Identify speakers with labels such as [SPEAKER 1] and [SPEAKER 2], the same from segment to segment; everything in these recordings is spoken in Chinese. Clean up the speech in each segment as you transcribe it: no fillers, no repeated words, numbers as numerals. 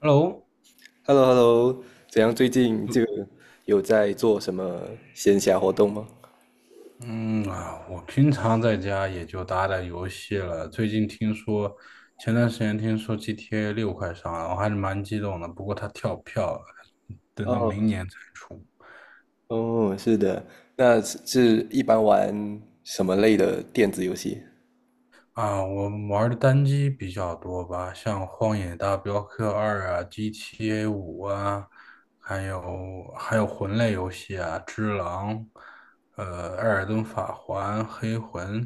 [SPEAKER 1] Hello，
[SPEAKER 2] h e l l o h e l l o 怎样？最近就有在做什么闲暇活动吗？
[SPEAKER 1] 嗯啊，我平常在家也就打打游戏了。最近听说，前段时间听说 GTA 6快上了，我还是蛮激动的。不过它跳票了，等到明
[SPEAKER 2] 哦，
[SPEAKER 1] 年才出。
[SPEAKER 2] 哦，是的，那是一般玩什么类的电子游戏？
[SPEAKER 1] 啊，我玩的单机比较多吧，像《荒野大镖客二》啊、GTA 5啊，还有魂类游戏啊，《只狼》、《艾尔登法环》、《黑魂》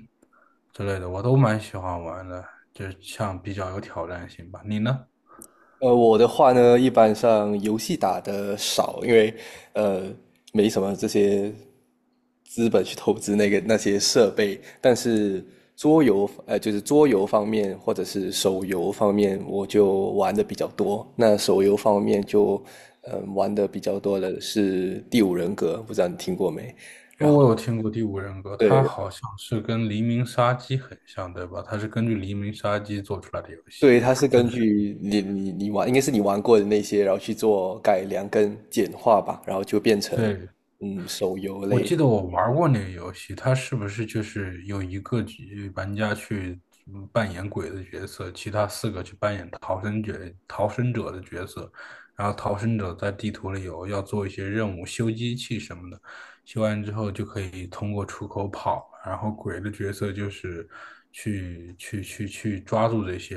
[SPEAKER 1] 之类的，我都蛮喜欢玩的，就像比较有挑战性吧。你呢？
[SPEAKER 2] 我的话呢，一般上游戏打的少，因为呃没什么这些资本去投资那些设备。但是桌游，就是桌游方面或者是手游方面，我就玩的比较多。那手游方面就，玩的比较多的是《第五人格》，不知道你听过没？
[SPEAKER 1] 哦，我有听过《第五人格》，它
[SPEAKER 2] 对，
[SPEAKER 1] 好像是跟《黎明杀机》很像，对吧？它是根据《黎明杀机》做出来的游戏。
[SPEAKER 2] 对，它是
[SPEAKER 1] 就
[SPEAKER 2] 根
[SPEAKER 1] 是。
[SPEAKER 2] 据你玩，应该是你玩过的那些，然后去做改良跟简化吧，然后就变成
[SPEAKER 1] 对。
[SPEAKER 2] 手游
[SPEAKER 1] 我
[SPEAKER 2] 类。
[SPEAKER 1] 记得我玩过那个游戏，它是不是就是有一个局玩家去扮演鬼的角色，其他四个去扮演逃生者的角色，然后逃生者在地图里有要做一些任务，修机器什么的，修完之后就可以通过出口跑，然后鬼的角色就是去抓住这些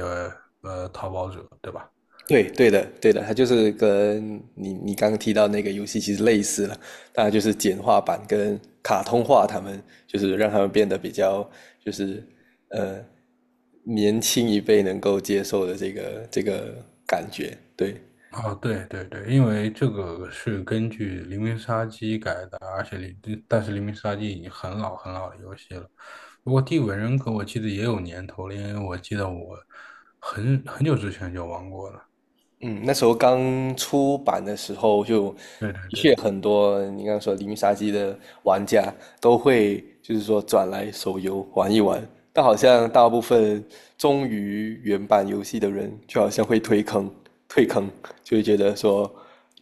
[SPEAKER 1] 逃跑者，对吧？
[SPEAKER 2] 对，对的，对的，它就是跟你刚刚提到那个游戏其实类似了，当然就是简化版跟卡通化，他们就是让他们变得比较就是呃年轻一辈能够接受的这个感觉，对。
[SPEAKER 1] 哦，对对对，因为这个是根据《黎明杀机》改的，而且黎，但是《黎明杀机》已经很老很老的游戏了。不过《第五人格》我记得也有年头了，因为我记得我很久之前就玩过了。
[SPEAKER 2] 嗯，那时候刚出版的时候就，
[SPEAKER 1] 对对
[SPEAKER 2] 的确
[SPEAKER 1] 对。
[SPEAKER 2] 很多你刚刚说《黎明杀机》的玩家都会就是说转来手游玩一玩，但好像大部分忠于原版游戏的人，就好像会退坑，退坑，就会觉得说，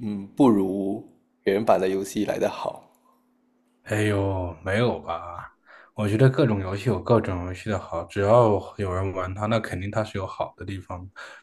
[SPEAKER 2] 不如原版的游戏来得好。
[SPEAKER 1] 哎呦，没有吧？我觉得各种游戏有各种游戏的好，只要有人玩它，那肯定它是有好的地方。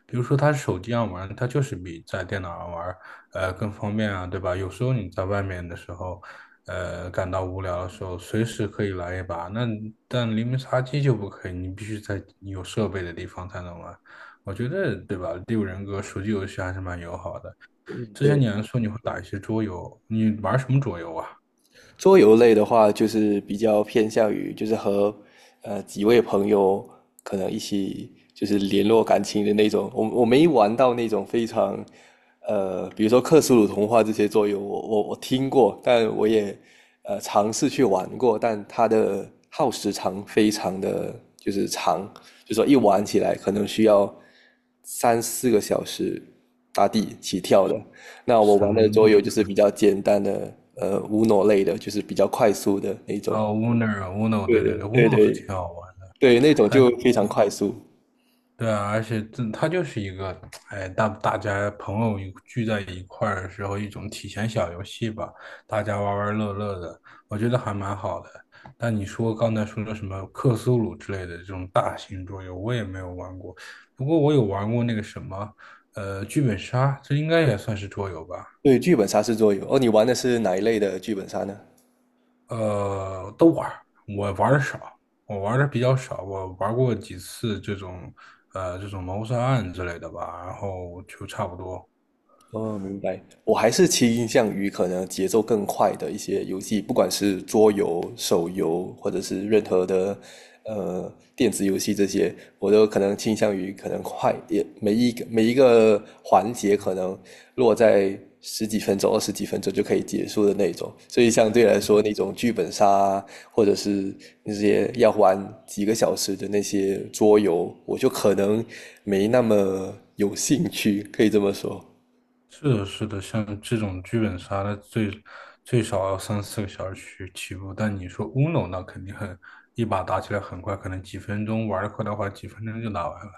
[SPEAKER 1] 比如说，它手机上玩，它就是比在电脑上玩，更方便啊，对吧？有时候你在外面的时候，感到无聊的时候，随时可以来一把。那但黎明杀机就不可以，你必须在有设备的地方才能玩。我觉得，对吧？第五人格手机游戏还是蛮友好的。
[SPEAKER 2] 嗯，
[SPEAKER 1] 之前
[SPEAKER 2] 对。
[SPEAKER 1] 你还说你会打一些桌游，你玩什么桌游啊？
[SPEAKER 2] 桌游类的话，就是比较偏向于就是和几位朋友可能一起就是联络感情的那种。我没玩到那种非常比如说克苏鲁童话这些桌游，我听过，但我也尝试去玩过，但它的耗时长非常的就是长，就说一玩起来可能需要3、4个小时打底起跳的。那我玩的
[SPEAKER 1] 神。
[SPEAKER 2] 桌游就是比较简单的，UN 类的，就是比较快速的那种。
[SPEAKER 1] 哦，Uno，
[SPEAKER 2] 对
[SPEAKER 1] 对对
[SPEAKER 2] 对
[SPEAKER 1] 对
[SPEAKER 2] 对
[SPEAKER 1] ，Uno 是
[SPEAKER 2] 对
[SPEAKER 1] 挺好玩的。
[SPEAKER 2] 对，那种
[SPEAKER 1] 但你
[SPEAKER 2] 就非常
[SPEAKER 1] 说
[SPEAKER 2] 快速。
[SPEAKER 1] 对啊，而且它就是一个，哎，大家朋友一聚在一块儿的时候一种体闲小游戏吧，大家玩玩乐乐的，我觉得还蛮好的。但你说刚才说的什么克苏鲁之类的这种大型桌游，我也没有玩过，不过我有玩过那个什么，剧本杀，这应该也算是桌游吧。
[SPEAKER 2] 对，剧本杀是桌游。哦，你玩的是哪一类的剧本杀呢？
[SPEAKER 1] 都玩儿，我玩的少，我玩的比较少，我玩过几次这种谋杀案之类的吧，然后就差不多。
[SPEAKER 2] 哦，明白。我还是倾向于可能节奏更快的一些游戏，不管是桌游、手游，或者是任何的电子游戏这些，我都可能倾向于可能快，也每一个环节可能落在十几分钟、二十几分钟就可以结束的那种。所以相对来说，那种剧本杀啊或者是那些要玩几个小时的那些桌游，我就可能没那么有兴趣，可以这么说。
[SPEAKER 1] 是的，是的，像这种剧本杀的最少要三四个小时去起步，但你说 Uno 那肯定一把打起来很快，可能几分钟玩的快的话，几分钟就打完了。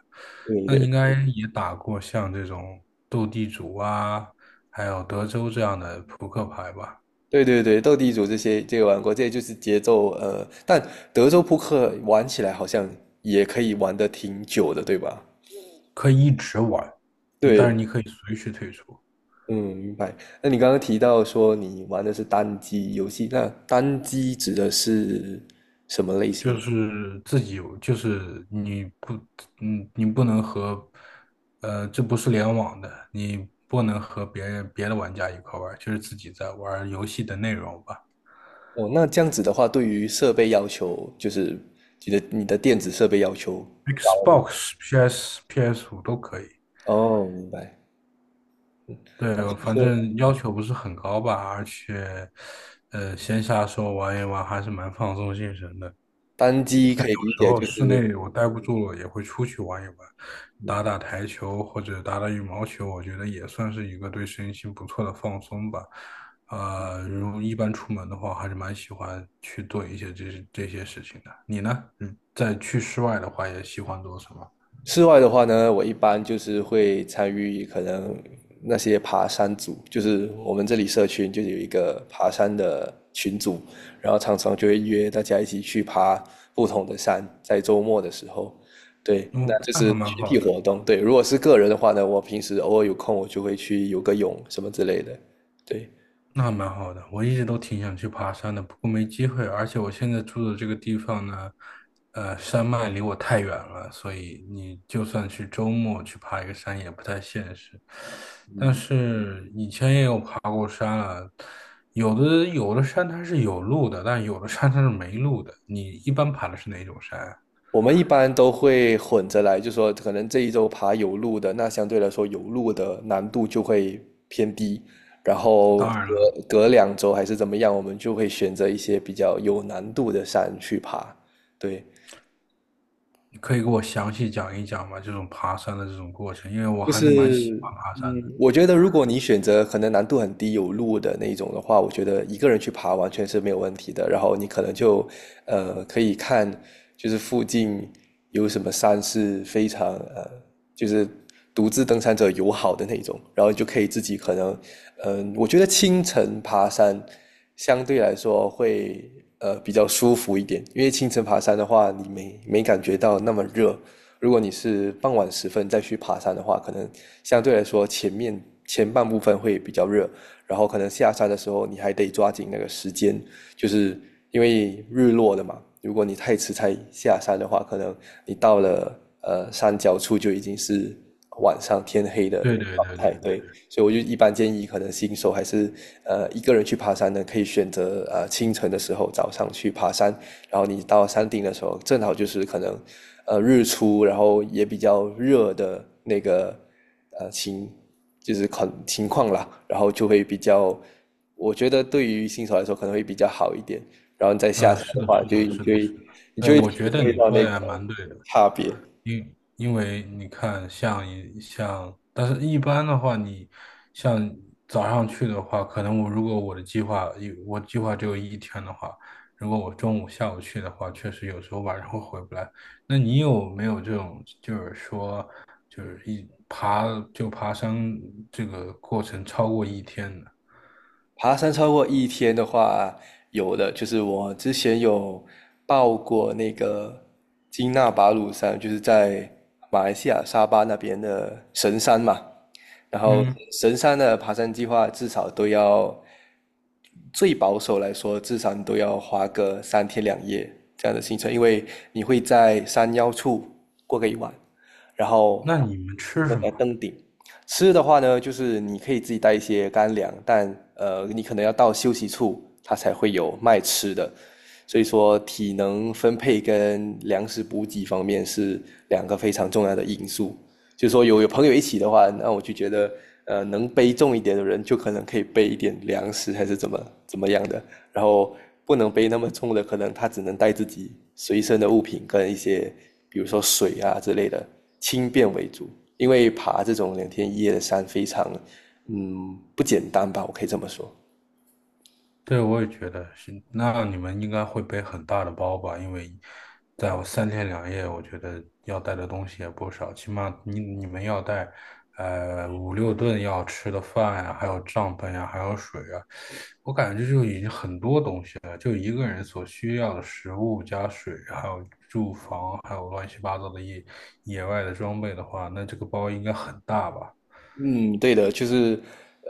[SPEAKER 2] 对
[SPEAKER 1] 那
[SPEAKER 2] 对
[SPEAKER 1] 应该也打过像这种斗地主啊，还有德州这样的扑克牌吧。
[SPEAKER 2] 对对对，斗地主这些这个玩过，这就是节奏，但德州扑克玩起来好像也可以玩得挺久的，对吧？
[SPEAKER 1] 可以一直玩，但是
[SPEAKER 2] 对，
[SPEAKER 1] 你可以随时退出。
[SPEAKER 2] 嗯，明白。那你刚刚提到说你玩的是单机游戏，那单机指的是什么类型
[SPEAKER 1] 就
[SPEAKER 2] 呢？
[SPEAKER 1] 是自己有就是你不，嗯，你不能和，呃，这不是联网的，你不能和别的玩家一块玩，就是自己在玩游戏的内容吧。
[SPEAKER 2] 哦，那这样子的话，对于设备要求，就是你的电子设备要求高吗？
[SPEAKER 1] Xbox、PS、PS5 都可以，
[SPEAKER 2] 哦，明白。
[SPEAKER 1] 对，
[SPEAKER 2] 就是
[SPEAKER 1] 反
[SPEAKER 2] 说
[SPEAKER 1] 正要求不是很高吧，闲暇时候玩一玩还是蛮放松精神的。
[SPEAKER 2] 单机可以理
[SPEAKER 1] 然
[SPEAKER 2] 解
[SPEAKER 1] 后
[SPEAKER 2] 就
[SPEAKER 1] 室
[SPEAKER 2] 是
[SPEAKER 1] 内我待不住了，也会出去玩一玩，打打台球或者打打羽毛球，我觉得也算是一个对身心不错的放松吧。如果一般出门的话，还是蛮喜欢去做一些这些事情的。你呢？嗯，去室外的话，也喜欢做什么？
[SPEAKER 2] 室外的话呢，我一般就是会参与可能那些爬山组，就是我们这里社群就有一个爬山的群组，然后常常就会约大家一起去爬不同的山，在周末的时候，对，那
[SPEAKER 1] 嗯，
[SPEAKER 2] 就
[SPEAKER 1] 那还
[SPEAKER 2] 是
[SPEAKER 1] 蛮
[SPEAKER 2] 群
[SPEAKER 1] 好
[SPEAKER 2] 体
[SPEAKER 1] 的。
[SPEAKER 2] 活动。对，如果是个人的话呢，我平时偶尔有空我就会去游个泳什么之类的，对。
[SPEAKER 1] 那蛮好的，我一直都挺想去爬山的，不过没机会。而且我现在住的这个地方呢，山脉离我太远了，所以你就算去周末去爬一个山也不太现实。但是以前也有爬过山了，有的有的山它是有路的，但有的山它是没路的。你一般爬的是哪种山啊？
[SPEAKER 2] 我们一般都会混着来，就说可能这一周爬有路的，那相对来说有路的难度就会偏低，然后隔
[SPEAKER 1] 当然了，
[SPEAKER 2] 隔2周还是怎么样，我们就会选择一些比较有难度的山去爬。对，
[SPEAKER 1] 你可以给我详细讲一讲吗？这种爬山的这种过程，因为我
[SPEAKER 2] 就
[SPEAKER 1] 还是蛮
[SPEAKER 2] 是
[SPEAKER 1] 喜欢爬山的。
[SPEAKER 2] 嗯，我觉得如果你选择可能难度很低、有路的那一种的话，我觉得一个人去爬完全是没有问题的。然后你可能就可以看，就是附近有什么山是非常就是独自登山者友好的那种，然后你就可以自己可能我觉得清晨爬山相对来说会比较舒服一点，因为清晨爬山的话，你没感觉到那么热，如果你是傍晚时分再去爬山的话，可能相对来说前半部分会比较热，然后可能下山的时候你还得抓紧那个时间，就是因为日落了嘛。如果你太迟才下山的话，可能你到了山脚处就已经是晚上天黑的
[SPEAKER 1] 对对
[SPEAKER 2] 状
[SPEAKER 1] 对对
[SPEAKER 2] 态。
[SPEAKER 1] 对
[SPEAKER 2] 对，
[SPEAKER 1] 对。
[SPEAKER 2] 所以我就一般建议，可能新手还是一个人去爬山呢，可以选择清晨的时候早上去爬山，然后你到山顶的时候，正好就是可能日出，然后也比较热的那个呃情就是情况啦，然后就会比较，我觉得对于新手来说可能会比较好一点。然后你再下山
[SPEAKER 1] 是
[SPEAKER 2] 的
[SPEAKER 1] 的，
[SPEAKER 2] 话，
[SPEAKER 1] 是
[SPEAKER 2] 就
[SPEAKER 1] 的，
[SPEAKER 2] 你
[SPEAKER 1] 是的，
[SPEAKER 2] 就会
[SPEAKER 1] 是的。
[SPEAKER 2] 你就会
[SPEAKER 1] 我
[SPEAKER 2] 体
[SPEAKER 1] 觉得
[SPEAKER 2] 会
[SPEAKER 1] 你
[SPEAKER 2] 到
[SPEAKER 1] 说
[SPEAKER 2] 那个
[SPEAKER 1] 的也蛮对的。
[SPEAKER 2] 差别。
[SPEAKER 1] 因为你看像，一像，但是一般的话，你像早上去的话，可能我如果我计划只有一天的话，如果我中午、下午去的话，确实有时候晚上会回不来。那你有没有这种，就是说，就是一爬就爬山这个过程超过一天的？
[SPEAKER 2] 爬山超过一天的话，有的就是我之前有报过那个金纳巴鲁山，就是在马来西亚沙巴那边的神山嘛。然后
[SPEAKER 1] 嗯，
[SPEAKER 2] 神山的爬山计划至少都要，最保守来说，至少你都要花个3天2夜这样的行程，因为你会在山腰处过个一晚，然后
[SPEAKER 1] 那你们吃
[SPEAKER 2] 过
[SPEAKER 1] 什
[SPEAKER 2] 在
[SPEAKER 1] 么？
[SPEAKER 2] 登顶，吃的话呢，就是你可以自己带一些干粮，但你可能要到休息处，它才会有卖吃的。所以说，体能分配跟粮食补给方面是两个非常重要的因素。就是说有朋友一起的话，那我就觉得能背重一点的人就可能可以背一点粮食还是怎么怎么样的，然后不能背那么重的，可能他只能带自己随身的物品跟一些比如说水啊之类的，轻便为主。因为爬这种2天1夜的山非常不简单吧，我可以这么说。
[SPEAKER 1] 对，我也觉得是。那你们应该会背很大的包吧？因为在我三天两夜，我觉得要带的东西也不少，起码你们要带，五六顿要吃的饭呀、还有帐篷呀、还有水啊。我感觉这就已经很多东西了，就一个人所需要的食物加水，还有住房，还有乱七八糟的野外的装备的话，那这个包应该很大吧？
[SPEAKER 2] 嗯，对的，就是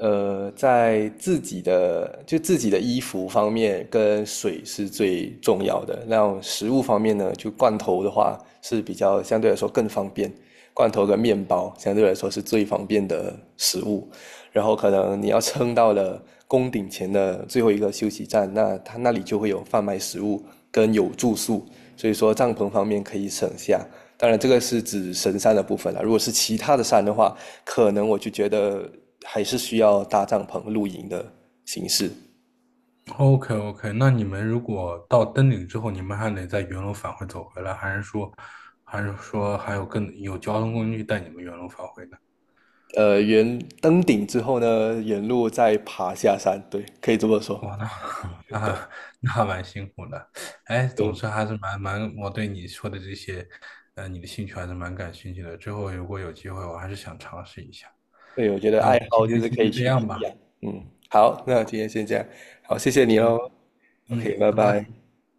[SPEAKER 2] 在自己的衣服方面跟水是最重要的。那后食物方面呢，就罐头的话是相对来说更方便，罐头跟面包相对来说是最方便的食物。然后可能你要撑到了宫顶前的最后一个休息站，那它那里就会有贩卖食物跟有住宿，所以说帐篷方面可以省下。当然，这个是指神山的部分了。如果是其他的山的话，可能我就觉得还是需要搭帐篷露营的形式。
[SPEAKER 1] OK OK，那你们如果到登顶之后，你们还得在原路返回走回来，还是说，还是说还有更有交通工具带你们原路返回呢？
[SPEAKER 2] 沿登顶之后呢，沿路再爬下山，对，可以这么说。
[SPEAKER 1] 哇，那 那那还蛮辛苦的。哎，总
[SPEAKER 2] 嗯，
[SPEAKER 1] 之还是蛮，我对你说的这些，你的兴趣还是蛮感兴趣的。之后如果有机会，我还是想尝试一下。
[SPEAKER 2] 对，我觉得
[SPEAKER 1] 那我
[SPEAKER 2] 爱
[SPEAKER 1] 们今
[SPEAKER 2] 好就
[SPEAKER 1] 天
[SPEAKER 2] 是
[SPEAKER 1] 先
[SPEAKER 2] 可
[SPEAKER 1] 就
[SPEAKER 2] 以
[SPEAKER 1] 这
[SPEAKER 2] 去不
[SPEAKER 1] 样
[SPEAKER 2] 一
[SPEAKER 1] 吧。
[SPEAKER 2] 样。嗯，好，那今天先这样，好，谢谢你
[SPEAKER 1] 嗯
[SPEAKER 2] 哦。
[SPEAKER 1] 嗯，
[SPEAKER 2] OK，拜
[SPEAKER 1] 拜
[SPEAKER 2] 拜。
[SPEAKER 1] 拜。